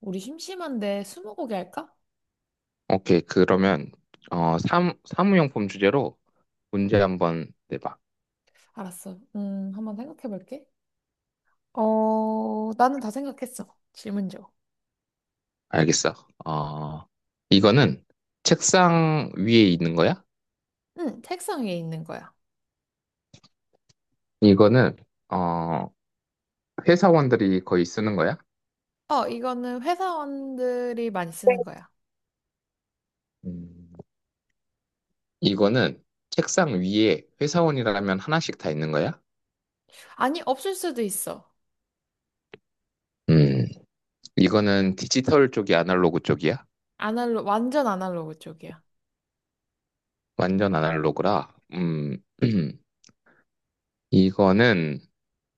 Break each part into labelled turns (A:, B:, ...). A: 우리 심심한데 스무고개 할까?
B: 오케이. 그러면 사무용품 주제로 문제 한번 내봐.
A: 알았어. 한번 생각해 볼게. 나는 다 생각했어. 질문 줘.
B: 알겠어. 어, 이거는 책상 위에 있는 거야?
A: 응, 책상 위에 있는 거야.
B: 이거는 어, 회사원들이 거의 쓰는 거야?
A: 이거는 회사원들이 많이 쓰는 거야.
B: 음, 이거는 책상 위에 회사원이라면 하나씩 다 있는 거야?
A: 아니, 없을 수도 있어.
B: 음, 이거는 디지털 쪽이 아날로그 쪽이야?
A: 완전 아날로그 쪽이야.
B: 완전 아날로그라. 이거는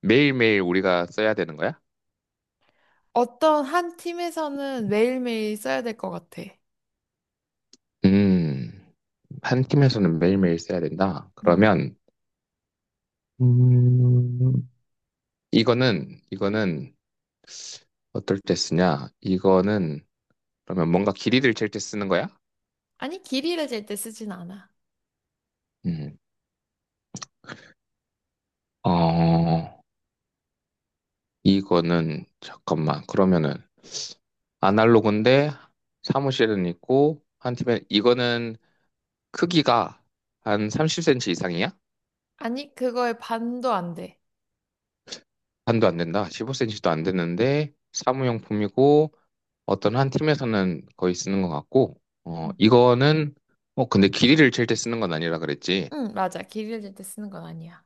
B: 매일매일 우리가 써야 되는 거야?
A: 어떤 한 팀에서는 매일매일 써야 될 것 같아.
B: 음. 한 팀에서는 매일매일 써야 된다.
A: 음.
B: 그러면 음, 이거는 어떨 때 쓰냐? 이거는 그러면 뭔가 길이를 잴 때 쓰는 거야?
A: 아니, 길이를 잴 때 쓰진 않아.
B: 음. 어, 이거는 잠깐만. 그러면은 아날로그인데 사무실은 있고 한 팀에 이거는 크기가 한 30cm 이상이야?
A: 아니, 그거의 반도 안 돼.
B: 반도 안 된다. 15cm도 안 되는데 사무용품이고 어떤 한 팀에서는 거의 쓰는 것 같고,
A: 응,
B: 근데 길이를 잴 때 쓰는 건 아니라 그랬지.
A: 응, 맞아. 길이를 잴 때 쓰는 건 아니야.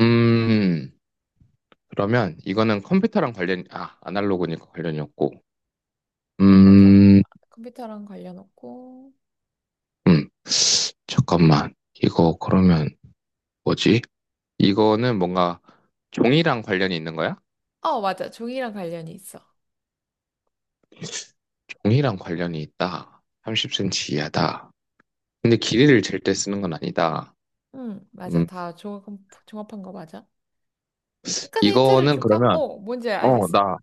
B: 음, 그러면 이거는 컴퓨터랑 관련, 아, 아날로그니까 관련이 없고.
A: 응, 맞아.
B: 음,
A: 아, 컴퓨터랑 관련 없고.
B: 음, 잠깐만. 이거 그러면 뭐지? 이거는 뭔가 종이랑 관련이 있는 거야?
A: 어, 맞아. 종이랑 관련이 있어.
B: 종이랑 관련이 있다. 30cm 이하다. 근데 길이를 잴 때 쓰는 건 아니다.
A: 응, 맞아.
B: 음,
A: 다 종합한 거 맞아. 약간의 힌트를
B: 이거는
A: 줄까?
B: 그러면,
A: 뭔지
B: 어,
A: 알겠어?
B: 나,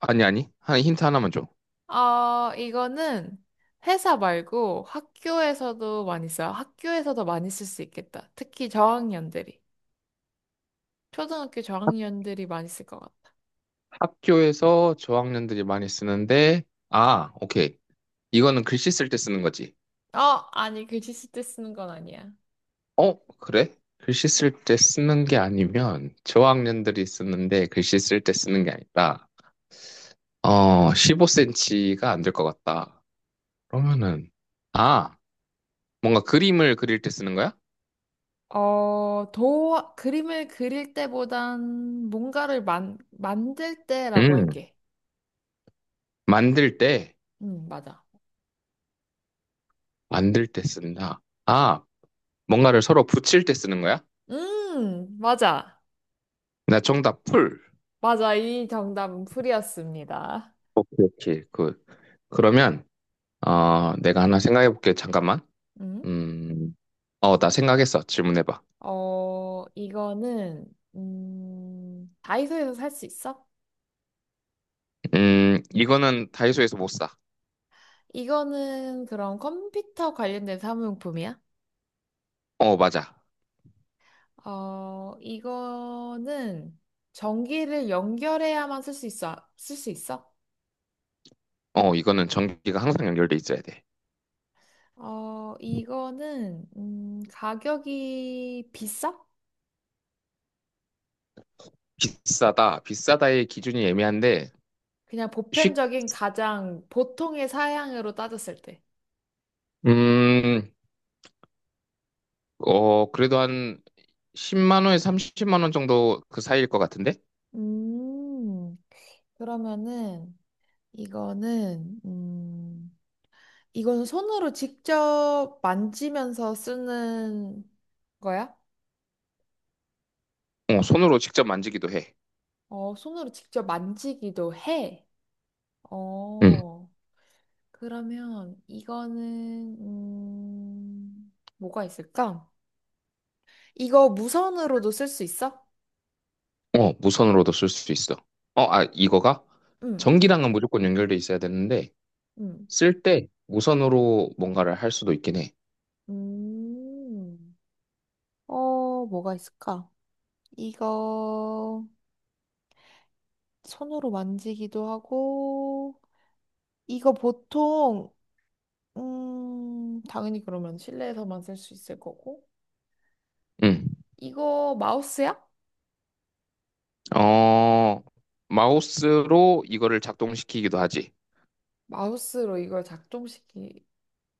B: 아니, 아니. 한 힌트 하나만 줘.
A: 이거는 회사 말고 학교에서도 많이 써요. 학교에서도 많이 쓸 수 있겠다. 특히 저학년들이. 초등학교 저학년들이 많이 쓸 것 같다.
B: 학교에서 저학년들이 많이 쓰는데, 아, 오케이. 이거는 글씨 쓸 때 쓰는 거지.
A: 어, 아니, 글씨 쓸 때 쓰는 건 아니야.
B: 어, 그래? 글씨 쓸 때 쓰는 게 아니면, 저학년들이 쓰는데 글씨 쓸 때 쓰는 게 아니라, 15cm가 안 될 것 같다. 그러면은, 아, 뭔가 그림을 그릴 때 쓰는 거야?
A: 그림을 그릴 때보단 뭔가를 만들 때라고
B: 음,
A: 할게.
B: 만들 때,
A: 응, 맞아.
B: 만들 때 쓴다. 아, 뭔가를 서로 붙일 때 쓰는 거야?
A: 맞아.
B: 나 정답 풀.
A: 맞아, 이 정답은 풀이었습니다.
B: 오케이, 오케이. 그러면, 내가 하나 생각해 볼게. 잠깐만.
A: 음,
B: 음, 어, 나 생각했어. 질문해봐.
A: 이거는, 다이소에서 살 수 있어?
B: 이거는 다이소에서 못 사.
A: 이거는 그럼 컴퓨터 관련된 사무용품이야?
B: 어, 맞아.
A: 이거는 전기를 연결해야만 쓸 수 있어?
B: 어, 이거는 전기가 항상 연결돼 있어야 돼.
A: 이거는, 가격이 비싸?
B: 비싸다. 비싸다의 기준이 애매한데,
A: 그냥
B: 쉽,
A: 보편적인 가장 보통의 사양으로 따졌을 때.
B: 음, 그래도 한 10만 원에서 30만 원 정도 그 사이일 것 같은데?
A: 음, 그러면은, 이거는 이거는 손으로 직접 만지면서 쓰는 거야?
B: 어, 손으로 직접 만지기도 해.
A: 손으로 직접 만지기도 해.
B: 음,
A: 어, 그러면 이거는 뭐가 있을까? 이거 무선으로도 쓸 수 있어?
B: 어, 무선으로도 쓸 수 있어. 어, 아, 이거가?
A: 응,
B: 전기랑은 무조건 연결돼 있어야 되는데,
A: 응,
B: 쓸 때 무선으로 뭔가를 할 수도 있긴 해.
A: 음. 뭐가 있을까? 이거 손으로 만지기도 하고, 이거 보통 당연히 그러면 실내에서만 쓸 수 있을 거고.
B: 음.
A: 이거 마우스야?
B: 어, 마우스로 이거를 작동시키기도 하지.
A: 마우스로 이걸 작동시키.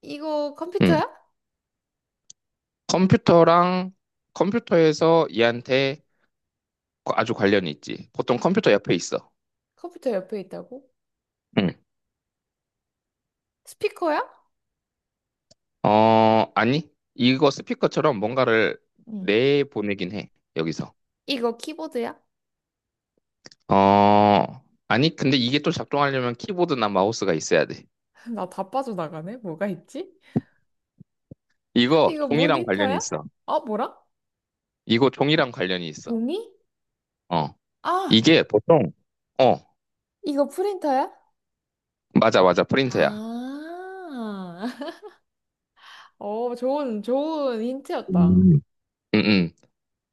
A: 이거
B: 응.
A: 컴퓨터야?
B: 컴퓨터랑 컴퓨터에서 얘한테 아주 관련이 있지. 보통 컴퓨터 옆에 있어.
A: 컴퓨터 옆에 있다고?
B: 응.
A: 스피커야?
B: 어, 아니. 이거 스피커처럼 뭔가를
A: 응.
B: 내보내긴 해. 여기서.
A: 이거 키보드야?
B: 어, 아니. 근데 이게 또 작동하려면 키보드나 마우스가 있어야 돼.
A: 나 다 빠져나가네. 뭐가 있지?
B: 이거
A: 이거
B: 종이랑 관련이
A: 모니터야?
B: 있어.
A: 뭐라?
B: 이거 종이랑 관련이 있어.
A: 종이?
B: 어.
A: 아,
B: 이게 보통, 어,
A: 이거 프린터야?
B: 맞아, 맞아. 프린터야.
A: 아, 좋은, 좋은 힌트였다.
B: 음. 응, 응.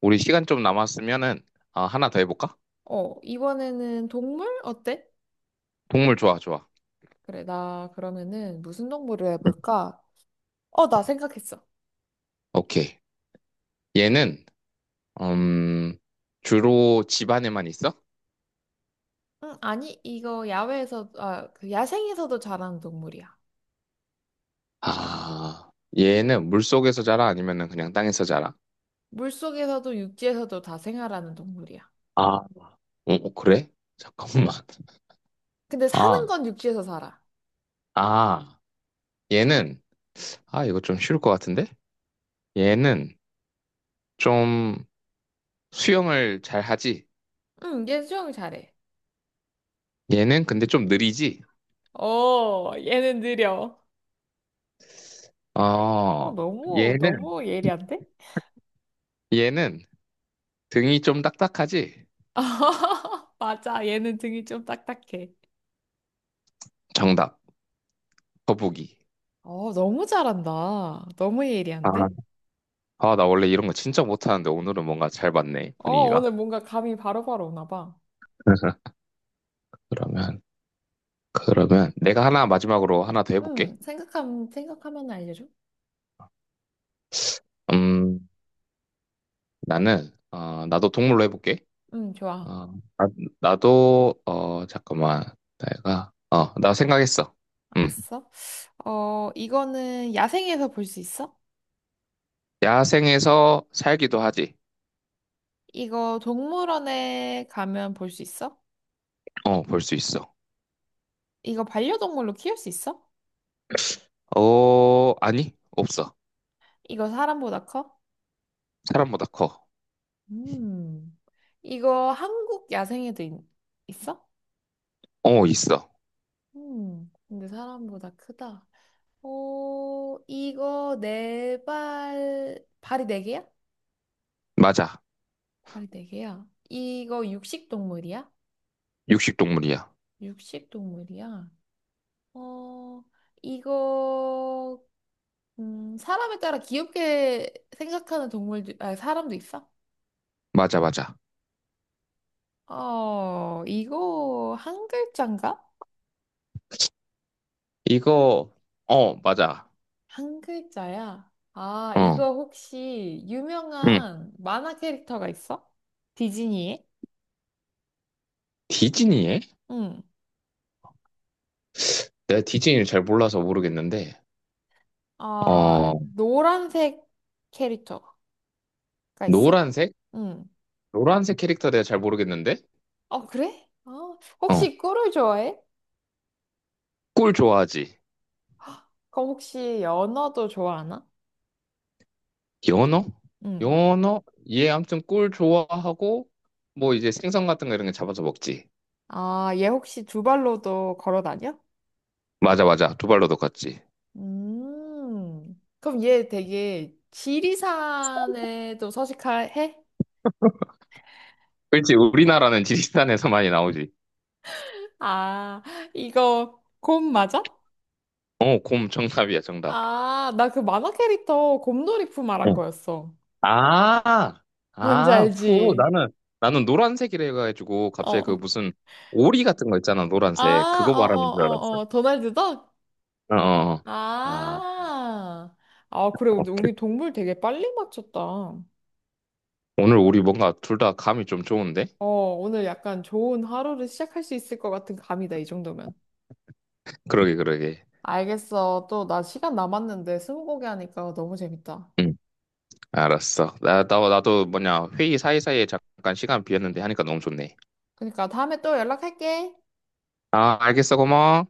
B: 우리 시간 좀 남았으면은 아, 하나 더 해볼까?
A: 이번에는 동물? 어때?
B: 동물 좋아, 좋아.
A: 그래, 나 그러면은 무슨 동물을
B: 응.
A: 해볼까? 나 생각했어.
B: 오케이. 얘는 음, 주로 집 안에만 있어?
A: 응, 아니, 그 야생에서도 자라는 동물이야.
B: 아, 얘는 물속에서 자라 아니면은 그냥 땅에서 자라?
A: 물속에서도 육지에서도 다 생활하는 동물이야.
B: 아, 오 어, 그래? 잠깐만.
A: 근데 사는
B: 아,
A: 건 육지에서 살아.
B: 아, 얘는 아, 이거 좀 쉬울 것 같은데? 얘는 좀 수영을 잘 하지?
A: 응, 얘 수영 잘해.
B: 얘는 근데 좀 느리지?
A: 얘는 느려.
B: 어,
A: 너무,
B: 얘는
A: 너무 예리한데?
B: 얘는 등이 좀 딱딱하지?
A: 맞아, 얘는 등이 좀 딱딱해.
B: 정답. 거북이.
A: 너무 잘한다. 너무
B: 아.
A: 예리한데?
B: 아, 나 원래 이런 거 진짜 못하는데 오늘은 뭔가 잘 맞네, 분위기가.
A: 오늘 뭔가 감이 바로바로 오나 봐.
B: 그러면, 그러면 내가 하나 마지막으로 하나 더 해볼게.
A: 응, 생각하면 알려줘.
B: 음, 나는, 나도 동물로 해볼게.
A: 응, 좋아.
B: 어, 아, 나도, 잠깐만. 내가, 어, 나 생각했어. 음,
A: 알았어. 이거는 야생에서 볼 수 있어?
B: 야생에서 살기도 하지.
A: 이거 동물원에 가면 볼 수 있어?
B: 어, 볼 수 있어.
A: 이거 반려동물로 키울 수 있어?
B: 어, 아니, 없어.
A: 이거 사람보다 커?
B: 사람보다 커.
A: 음. 이거 한국 야생에도 있어?
B: 어, 있어.
A: 근데 사람보다 크다. 이거 발이 네 개야?
B: 맞아.
A: 발이 네 개야. 이거 육식 동물이야?
B: 육식동물이야.
A: 육식 동물이야. 어, 이거 사람에 따라 귀엽게 생각하는 동물들 아, 사람도 있어?
B: 맞아, 맞아.
A: 이거 한 글자인가?
B: 이거, 어, 맞아.
A: 한 글자야. 아,
B: 어.
A: 이거 혹시
B: 응.
A: 유명한 만화 캐릭터가 있어? 디즈니에?
B: 디즈니에?
A: 응.
B: 내가 디즈니를 잘 몰라서 모르겠는데,
A: 아,
B: 어,
A: 노란색 캐릭터가 있어?
B: 노란색?
A: 응.
B: 노란색 캐릭터 내가 잘 모르겠는데,
A: 어, 그래?
B: 어,
A: 혹시 꿀을 좋아해?
B: 꿀 좋아하지.
A: 그럼 혹시 연어도 좋아하나?
B: 연어?
A: 응.
B: 연어? 얘 아무튼 꿀 좋아하고, 뭐 이제 생선 같은 거 이런 게 잡아서 먹지.
A: 아, 얘 혹시 두 발로도 걸어 다녀?
B: 맞아, 맞아. 두 발로도 같지.
A: 음. 그럼 얘 되게 지리산에도 서식해?
B: 그렇지. 우리나라는 지리산에서 많이 나오지.
A: 아, 이거 곰 맞아?
B: 어, 곰 정답이야, 정답.
A: 아, 나 그 만화 캐릭터 곰돌이푸 말한
B: 어.
A: 거였어.
B: 아,
A: 뭔지
B: 아, 푸
A: 알지?
B: 나는, 나는 노란색이라 해가지고, 갑자기 그
A: 어.
B: 무슨 오리 같은 거 있잖아, 노란색.
A: 아,
B: 그거
A: 어, 어,
B: 말하는 줄
A: 어,
B: 알았어.
A: 어. 도날드 덕?
B: 어, 어. 어. 아,
A: 아. 아, 그래. 우리,
B: 오케이.
A: 우리 동물 되게 빨리 맞췄다.
B: 오늘 우리 뭔가 둘 다 감이 좀 좋은데?
A: 오늘 약간 좋은 하루를 시작할 수 있을 것 같은 감이다, 이 정도면.
B: 그러게, 그러게.
A: 알겠어. 또 나 시간 남았는데 스무고개 하니까 너무 재밌다.
B: 응, 알았어. 나도 뭐냐, 회의 사이사이에 잠깐 시간 비었는데 하니까 너무 좋네.
A: 그러니까 다음에 또 연락할게.
B: 아, 알겠어, 고마워.